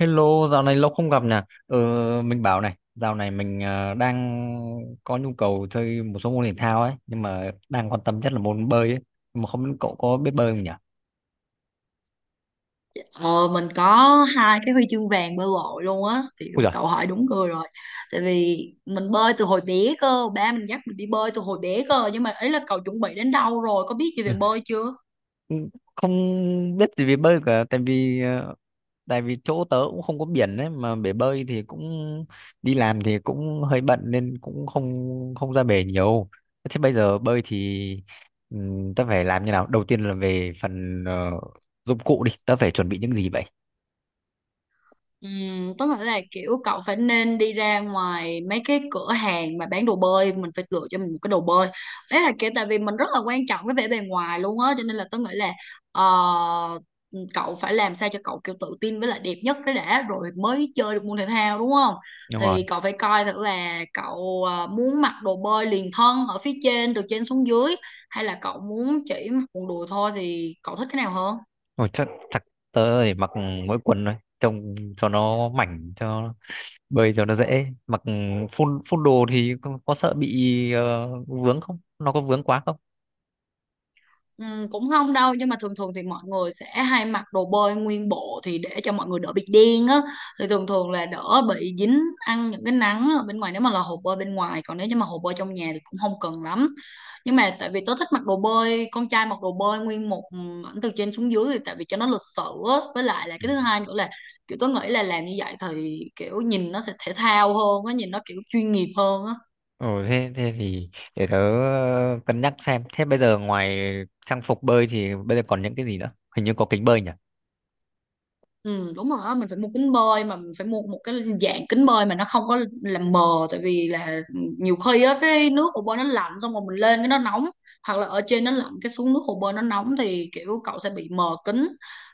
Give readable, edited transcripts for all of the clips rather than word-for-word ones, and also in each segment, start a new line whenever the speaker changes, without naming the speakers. Hello, dạo này lâu không gặp nè. Ờ, mình bảo này, dạo này mình đang có nhu cầu chơi một số môn thể thao ấy, nhưng mà đang quan tâm nhất là môn bơi ấy. Nhưng mà không biết cậu có biết bơi không nhỉ?
Ờ, mình có hai cái huy chương vàng bơi lội luôn á, thì
Ui giời,
cậu hỏi đúng người rồi. Tại vì mình bơi từ hồi bé cơ, ba mình dắt mình đi bơi từ hồi bé cơ. Nhưng mà ấy là cậu chuẩn bị đến đâu rồi, có biết gì về bơi chưa?
không biết gì về bơi cả, tại vì tại vì chỗ tớ cũng không có biển đấy, mà bể bơi thì cũng đi làm thì cũng hơi bận nên cũng không không ra bể nhiều. Thế bây giờ bơi thì tớ phải làm như nào? Đầu tiên là về phần dụng cụ đi, tớ phải chuẩn bị những gì vậy?
Tức là kiểu cậu phải nên đi ra ngoài mấy cái cửa hàng mà bán đồ bơi, mình phải lựa cho mình một cái đồ bơi. Đấy là kiểu tại vì mình rất là quan trọng cái vẻ bề ngoài luôn á, cho nên là tôi nghĩ là ờ, cậu phải làm sao cho cậu kiểu tự tin với lại đẹp nhất đấy đã, rồi mới chơi được môn thể thao, đúng không?
Đúng rồi.
Thì cậu phải coi thử là cậu muốn mặc đồ bơi liền thân ở phía trên từ trên xuống dưới, hay là cậu muốn chỉ mặc quần đùi thôi, thì cậu thích cái nào hơn?
Ôi, chắc chắc tớ để mặc mỗi quần thôi, trông cho nó mảnh, cho bơi cho nó dễ mặc. Phun phun đồ thì có sợ bị vướng không, nó có vướng quá không?
Ừ, cũng không đâu, nhưng mà thường thường thì mọi người sẽ hay mặc đồ bơi nguyên bộ thì để cho mọi người đỡ bị đen á, thì thường thường là đỡ bị dính ăn những cái nắng ở bên ngoài nếu mà là hồ bơi bên ngoài, còn nếu như mà hồ bơi trong nhà thì cũng không cần lắm. Nhưng mà tại vì tớ thích mặc đồ bơi, con trai mặc đồ bơi nguyên một ảnh từ trên xuống dưới thì tại vì cho nó lịch sự á, với lại là
Ừ.
cái thứ hai nữa là kiểu tớ nghĩ là làm như vậy thì kiểu nhìn nó sẽ thể thao hơn á, nhìn nó kiểu chuyên nghiệp hơn á.
Ừ, thế thì để tớ cân nhắc xem. Thế bây giờ ngoài trang phục bơi thì bây giờ còn những cái gì nữa? Hình như có kính bơi nhỉ?
Ừ, đúng rồi đó, mình phải mua kính bơi, mà mình phải mua một cái dạng kính bơi mà nó không có làm mờ. Tại vì là nhiều khi á, cái nước hồ bơi nó lạnh, xong rồi mình lên cái nó nóng, hoặc là ở trên nó lạnh cái xuống nước hồ bơi nó nóng, thì kiểu cậu sẽ bị mờ kính.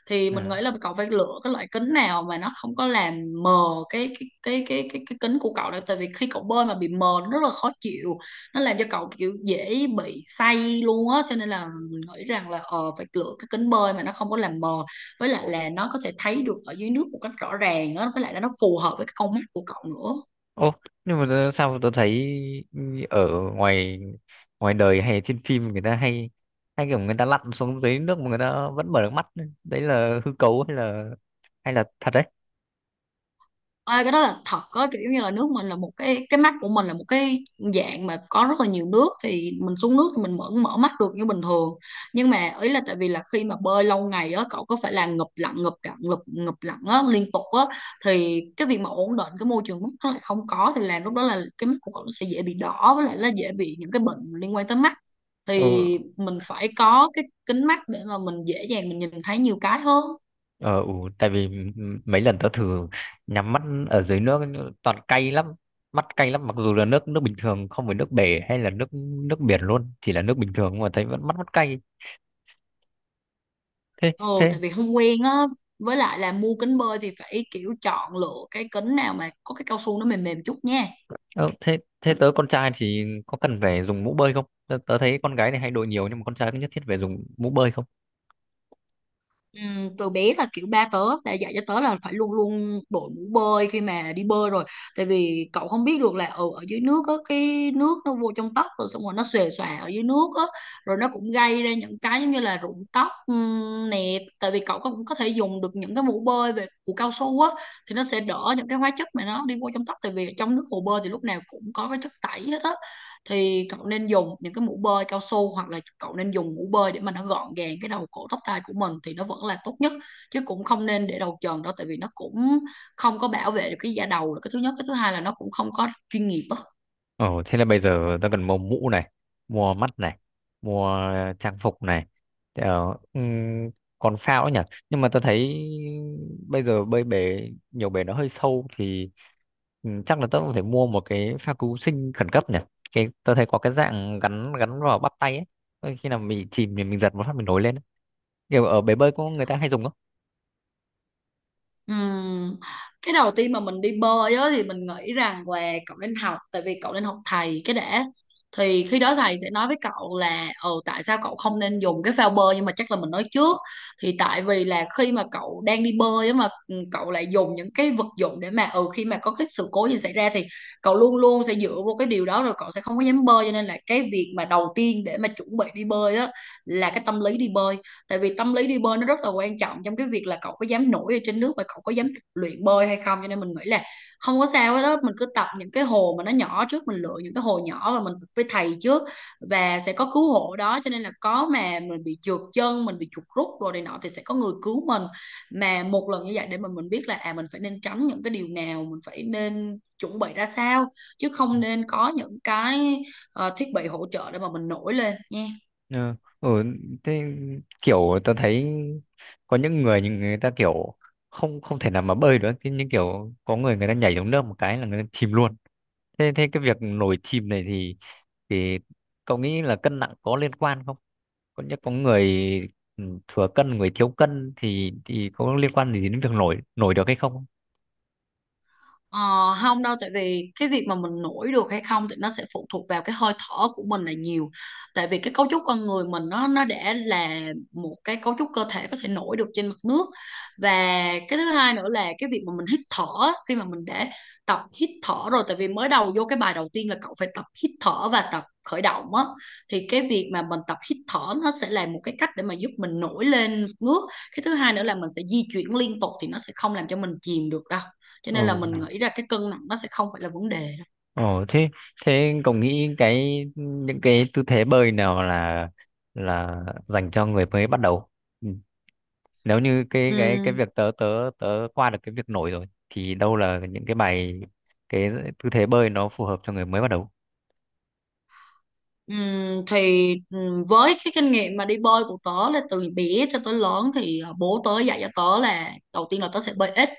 Thì mình nghĩ
Ừ.
là cậu phải lựa cái loại kính nào mà nó không có làm mờ cái kính của cậu nữa, tại vì khi cậu bơi mà bị mờ nó rất là khó chịu, nó làm cho cậu kiểu dễ bị say luôn á. Cho nên là mình nghĩ rằng là ờ phải lựa cái kính bơi mà nó không có làm mờ, với lại là nó có thể thấy được ở dưới nước một cách rõ ràng á, với lại là nó phù hợp với cái con mắt của cậu nữa.
Ô, nhưng mà sao tôi thấy ở ngoài ngoài đời hay trên phim người ta hay hay kiểu người ta lặn xuống dưới nước mà người ta vẫn mở được mắt. Đấy là hư cấu hay là thật đấy?
Ê, cái đó là thật á, kiểu như là nước mình là một cái mắt của mình là một cái dạng mà có rất là nhiều nước, thì mình xuống nước thì mình mở mở mắt được như bình thường. Nhưng mà ý là tại vì là khi mà bơi lâu ngày á, cậu có phải là ngụp lặn ngụp lặn ngụp ngụp lặn á liên tục á, thì cái việc mà ổn định cái môi trường mắt nó lại không có thì làm lúc đó là cái mắt của cậu nó sẽ dễ bị đỏ, với lại là dễ bị những cái bệnh liên quan tới mắt.
Ừ.
Thì mình phải có cái kính mắt để mà mình dễ dàng mình nhìn thấy nhiều cái hơn.
Ờ, ừ, tại vì mấy lần tớ thử nhắm mắt ở dưới nước toàn cay lắm, mắt cay lắm, mặc dù là nước nước bình thường không phải nước bể hay là nước nước biển luôn, chỉ là nước bình thường mà thấy vẫn mắt mắt cay. Thế
Ừ,
thế
tại vì không quen á, với lại là mua kính bơi thì phải kiểu chọn lựa cái kính nào mà có cái cao su nó mềm mềm chút nha.
ờ, thế thế tớ con trai thì có cần phải dùng mũ bơi không? Tớ thấy con gái này hay đội nhiều nhưng mà con trai có nhất thiết phải dùng mũ bơi không?
Từ bé là kiểu ba tớ đã dạy cho tớ là phải luôn luôn đội mũ bơi khi mà đi bơi rồi, tại vì cậu không biết được là ở ở dưới nước á, cái nước nó vô trong tóc rồi xong rồi nó xòe xòa ở dưới nước á, rồi nó cũng gây ra những cái giống như là rụng tóc. Ừm, nè, tại vì cậu cũng có thể dùng được những cái mũ bơi về của cao su á, thì nó sẽ đỡ những cái hóa chất mà nó đi vô trong tóc, tại vì trong nước hồ bơi thì lúc nào cũng có cái chất tẩy hết á. Thì cậu nên dùng những cái mũ bơi cao su, hoặc là cậu nên dùng mũ bơi để mà nó gọn gàng cái đầu cổ tóc tai của mình thì nó vẫn là tốt nhất. Chứ cũng không nên để đầu trần đó, tại vì nó cũng không có bảo vệ được cái da đầu là cái thứ nhất, cái thứ hai là nó cũng không có chuyên nghiệp á.
Ờ, thế là bây giờ ta cần mua mũ này, mua mắt này, mua trang phục này. Ờ, ừm, còn phao ấy nhỉ? Nhưng mà ta thấy bây giờ bơi bể, nhiều bể nó hơi sâu thì chắc là ta cũng phải mua một cái phao cứu sinh khẩn cấp nhỉ? Cái, ta thấy có cái dạng gắn gắn vào bắp tay ấy. Ờ, khi nào mình chìm thì mình giật một phát mình nổi lên ấy. Kiểu ở bể bơi có người ta hay dùng không?
Ừm, Cái đầu tiên mà mình đi bơi á, thì mình nghĩ rằng là cậu nên học, tại vì cậu nên học thầy cái đã. Thì khi đó thầy sẽ nói với cậu là ừ tại sao cậu không nên dùng cái phao bơi, nhưng mà chắc là mình nói trước. Thì tại vì là khi mà cậu đang đi bơi á mà ừ, cậu lại dùng những cái vật dụng để mà ừ khi mà có cái sự cố gì xảy ra thì cậu luôn luôn sẽ dựa vô cái điều đó, rồi cậu sẽ không có dám bơi. Cho nên là cái việc mà đầu tiên để mà chuẩn bị đi bơi á là cái tâm lý đi bơi, tại vì tâm lý đi bơi nó rất là quan trọng trong cái việc là cậu có dám nổi ở trên nước và cậu có dám tập luyện bơi hay không. Cho nên mình nghĩ là không có sao hết đó, mình cứ tập những cái hồ mà nó nhỏ trước, mình lựa những cái hồ nhỏ và mình tập với thầy trước, và sẽ có cứu hộ đó. Cho nên là có mà mình bị trượt chân, mình bị chuột rút rồi này nọ thì sẽ có người cứu mình, mà một lần như vậy để mình biết là à mình phải nên tránh những cái điều nào, mình phải nên chuẩn bị ra sao, chứ không nên có những cái thiết bị hỗ trợ để mà mình nổi lên nha.
Ừ. Ừ. Thế kiểu tao thấy có những người nhưng người ta kiểu không không thể nào mà bơi được, thế nhưng kiểu có người người ta nhảy xuống nước một cái là người ta chìm luôn. Thế thế cái việc nổi chìm này thì cậu nghĩ là cân nặng có liên quan không? Có nhất có người thừa cân, người thiếu cân thì có liên quan gì đến việc nổi nổi được hay không?
Ờ, không đâu, tại vì cái việc mà mình nổi được hay không thì nó sẽ phụ thuộc vào cái hơi thở của mình là nhiều, tại vì cái cấu trúc con người mình nó đã là một cái cấu trúc cơ thể có thể nổi được trên mặt nước. Và cái thứ hai nữa là cái việc mà mình hít thở á, khi mà mình đã tập hít thở rồi, tại vì mới đầu vô cái bài đầu tiên là cậu phải tập hít thở và tập khởi động á, thì cái việc mà mình tập hít thở nó sẽ là một cái cách để mà giúp mình nổi lên mặt nước. Cái thứ hai nữa là mình sẽ di chuyển liên tục thì nó sẽ không làm cho mình chìm được đâu. Cho nên là mình
Ừ.
nghĩ ra cái cân nặng nó sẽ không phải là vấn đề.
ờ thế thế cậu nghĩ cái những cái tư thế bơi nào là dành cho người mới bắt đầu? Ừ. Nếu như cái
Ừm,
việc tớ tớ tớ qua được cái việc nổi rồi thì đâu là những cái bài cái tư thế bơi nó phù hợp cho người mới bắt đầu?
thì Với cái kinh nghiệm mà đi bơi của tớ là từ bé cho tới lớn thì bố tớ dạy cho tớ là đầu tiên là tớ sẽ bơi ếch,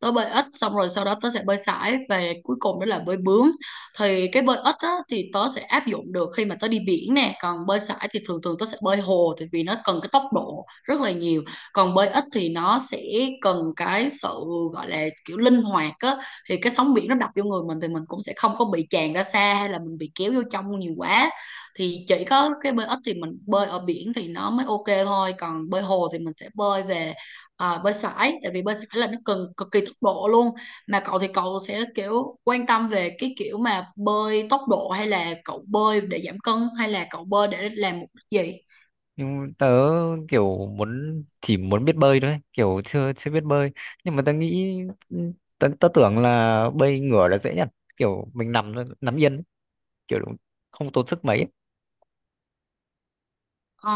tớ bơi ếch xong rồi sau đó tớ sẽ bơi sải, và cuối cùng đó là bơi bướm. Thì cái bơi ếch á, thì tớ sẽ áp dụng được khi mà tớ đi biển nè, còn bơi sải thì thường thường tớ sẽ bơi hồ, tại vì nó cần cái tốc độ rất là nhiều. Còn bơi ếch thì nó sẽ cần cái sự gọi là kiểu linh hoạt á, thì cái sóng biển nó đập vô người mình thì mình cũng sẽ không có bị tràn ra xa hay là mình bị kéo vô trong nhiều quá. Thì chỉ có cái bơi ếch thì mình bơi ở biển thì nó mới ok thôi, còn bơi hồ thì mình sẽ bơi về à, bơi sải, tại vì bơi sải là nó cần cực kỳ tốc độ luôn. Mà cậu thì cậu sẽ kiểu quan tâm về cái kiểu mà bơi tốc độ, hay là cậu bơi để giảm cân, hay là cậu bơi để làm mục đích gì?
Nhưng tớ kiểu muốn chỉ muốn biết bơi thôi ấy, kiểu chưa chưa biết bơi. Nhưng mà tớ nghĩ tớ tưởng là bơi ngửa là dễ nhất, kiểu mình nằm thôi, nằm yên ấy, kiểu không tốn sức mấy ấy.
Ờ,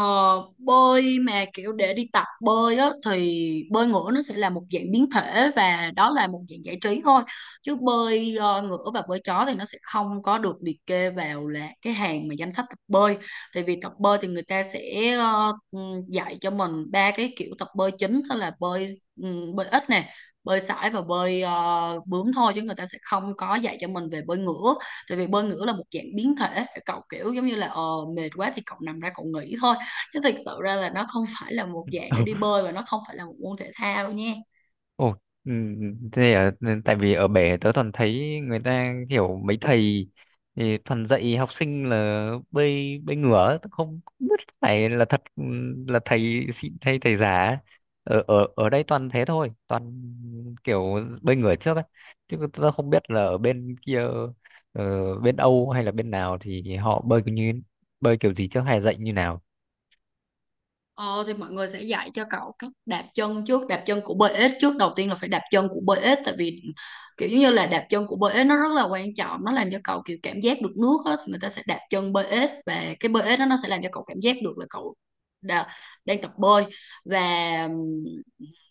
bơi mà kiểu để đi tập bơi á thì bơi ngửa nó sẽ là một dạng biến thể, và đó là một dạng giải trí thôi. Chứ bơi ngửa và bơi chó thì nó sẽ không có được liệt kê vào là cái hàng mà danh sách tập bơi. Tại vì tập bơi thì người ta sẽ dạy cho mình ba cái kiểu tập bơi chính, đó là bơi bơi ếch nè, bơi sải và bơi bướm thôi, chứ người ta sẽ không có dạy cho mình về bơi ngửa. Tại vì bơi ngửa là một dạng biến thể, cậu kiểu giống như là mệt quá thì cậu nằm ra cậu nghỉ thôi, chứ thực sự ra là nó không phải là một dạng để đi bơi và nó không phải là một môn thể thao nha.
Ồ, ừ, thế à, nên tại vì ở bể tớ toàn thấy người ta kiểu mấy thầy thì toàn dạy học sinh là bơi bơi ngửa ấy, tớ không biết phải là thật là thầy xịn hay thầy giả ở ở ở đây toàn thế thôi, toàn kiểu bơi ngửa trước ấy, chứ tớ không biết là ở bên kia bên Âu hay là bên nào thì họ bơi kiểu như bơi kiểu gì trước hay dạy như nào.
Ờ, thì mọi người sẽ dạy cho cậu cách đạp chân trước, đạp chân của bơi ếch trước. Đầu tiên là phải đạp chân của bơi ếch, tại vì kiểu giống như là đạp chân của bơi ếch nó rất là quan trọng, nó làm cho cậu kiểu cảm giác được nước á, thì người ta sẽ đạp chân bơi ếch và cái bơi ếch đó nó sẽ làm cho cậu cảm giác được là cậu đã, đang tập bơi. Và ừm,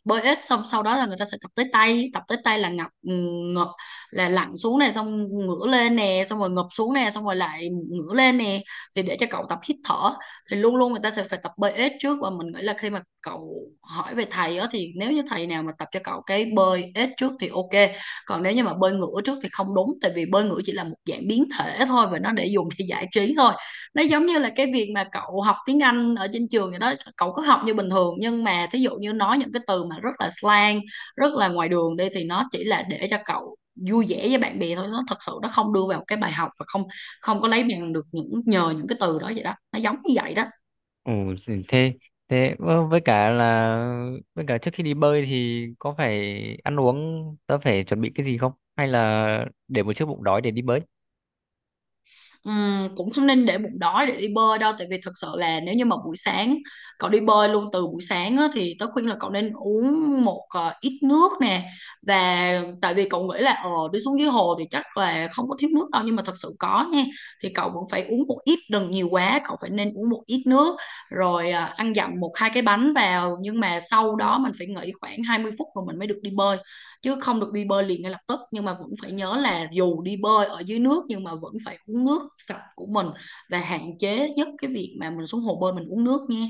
bơi ếch xong sau đó là người ta sẽ tập tới tay là ngập ngập, là lặn xuống này xong ngửa lên nè, xong rồi ngập xuống nè, xong rồi lại ngửa lên nè, thì để cho cậu tập hít thở. Thì luôn luôn người ta sẽ phải tập bơi ếch trước, và mình nghĩ là khi mà cậu hỏi về thầy đó thì nếu như thầy nào mà tập cho cậu cái bơi ếch trước thì ok, còn nếu như mà bơi ngửa trước thì không đúng, tại vì bơi ngửa chỉ là một dạng biến thể thôi và nó để dùng để giải trí thôi. Nó giống như là cái việc mà cậu học tiếng Anh ở trên trường vậy đó, cậu cứ học như bình thường nhưng mà thí dụ như nói những cái từ mà rất là slang, rất là ngoài đường đi thì nó chỉ là để cho cậu vui vẻ với bạn bè thôi, nó thật sự nó không đưa vào cái bài học và không không có lấy bằng được những nhờ những cái từ đó vậy đó, nó giống như vậy đó.
Ồ, gì thế, thế ơ, với cả là với cả trước khi đi bơi thì có phải ăn uống tớ phải chuẩn bị cái gì không? Hay là để một chiếc bụng đói để đi bơi?
Cũng không nên để bụng đói để đi bơi đâu, tại vì thật sự là nếu như mà buổi sáng cậu đi bơi luôn từ buổi sáng á, thì tớ khuyên là cậu nên uống một ít nước nè. Và tại vì cậu nghĩ là đi xuống dưới hồ thì chắc là không có thiếu nước đâu, nhưng mà thật sự có nha, thì cậu vẫn phải uống một ít, đừng nhiều quá, cậu phải nên uống một ít nước rồi ăn dặm một hai cái bánh vào, nhưng mà sau đó mình phải nghỉ khoảng 20 phút rồi mình mới được đi bơi, chứ không được đi bơi liền ngay lập tức. Nhưng mà vẫn phải nhớ là dù đi bơi ở dưới nước nhưng mà vẫn phải uống nước sạch của mình, và hạn chế nhất cái việc mà mình xuống hồ bơi mình uống nước nha.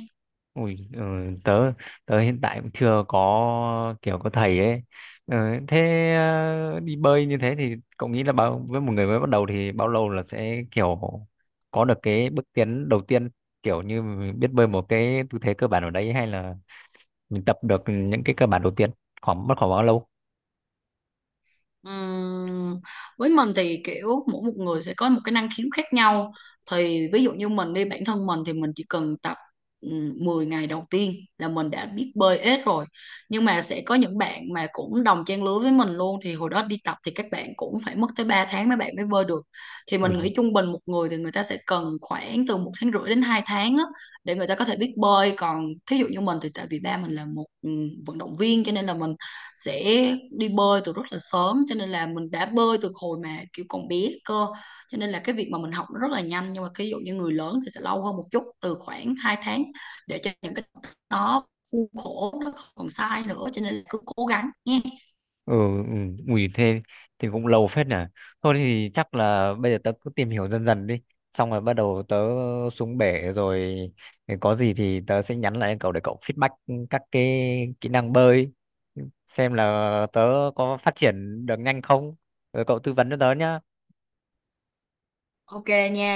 Ui, ờ, tớ tớ hiện tại cũng chưa có kiểu có thầy ấy. Ờ, thế đi bơi như thế thì cậu nghĩ là bao với một người mới bắt đầu thì bao lâu là sẽ kiểu có được cái bước tiến đầu tiên, kiểu như mình biết bơi một cái tư thế cơ bản ở đấy hay là mình tập được những cái cơ bản đầu tiên, khoảng mất khoảng bao lâu?
Ừm, với mình thì kiểu mỗi một người sẽ có một cái năng khiếu khác nhau, thì ví dụ như mình đi bản thân mình thì mình chỉ cần tập 10 ngày đầu tiên là mình đã biết bơi ếch rồi. Nhưng mà sẽ có những bạn mà cũng đồng trang lứa với mình luôn thì hồi đó đi tập thì các bạn cũng phải mất tới 3 tháng mấy bạn mới bơi được. Thì mình
Ui
nghĩ trung bình một người thì người ta sẽ cần khoảng từ 1,5 tháng đến 2 tháng á, để người ta có thể biết bơi. Còn thí dụ như mình thì tại vì ba mình là một vận động viên cho nên là mình sẽ đi bơi từ rất là sớm, cho nên là mình đã bơi từ hồi mà kiểu còn bé cơ, cho nên là cái việc mà mình học nó rất là nhanh. Nhưng mà cái ví dụ như người lớn thì sẽ lâu hơn một chút, từ khoảng 2 tháng để cho những cái đó khuôn khổ nó không còn sai nữa, cho nên là cứ cố gắng nha.
ừ, ừ ui thế thì cũng lâu phết nhỉ. Thôi thì chắc là bây giờ tớ cứ tìm hiểu dần dần đi, xong rồi bắt đầu tớ xuống bể rồi thì có gì thì tớ sẽ nhắn lại cậu để cậu feedback các cái kỹ năng bơi, xem là tớ có phát triển được nhanh không, rồi cậu tư vấn cho tớ nhá.
Ok nha.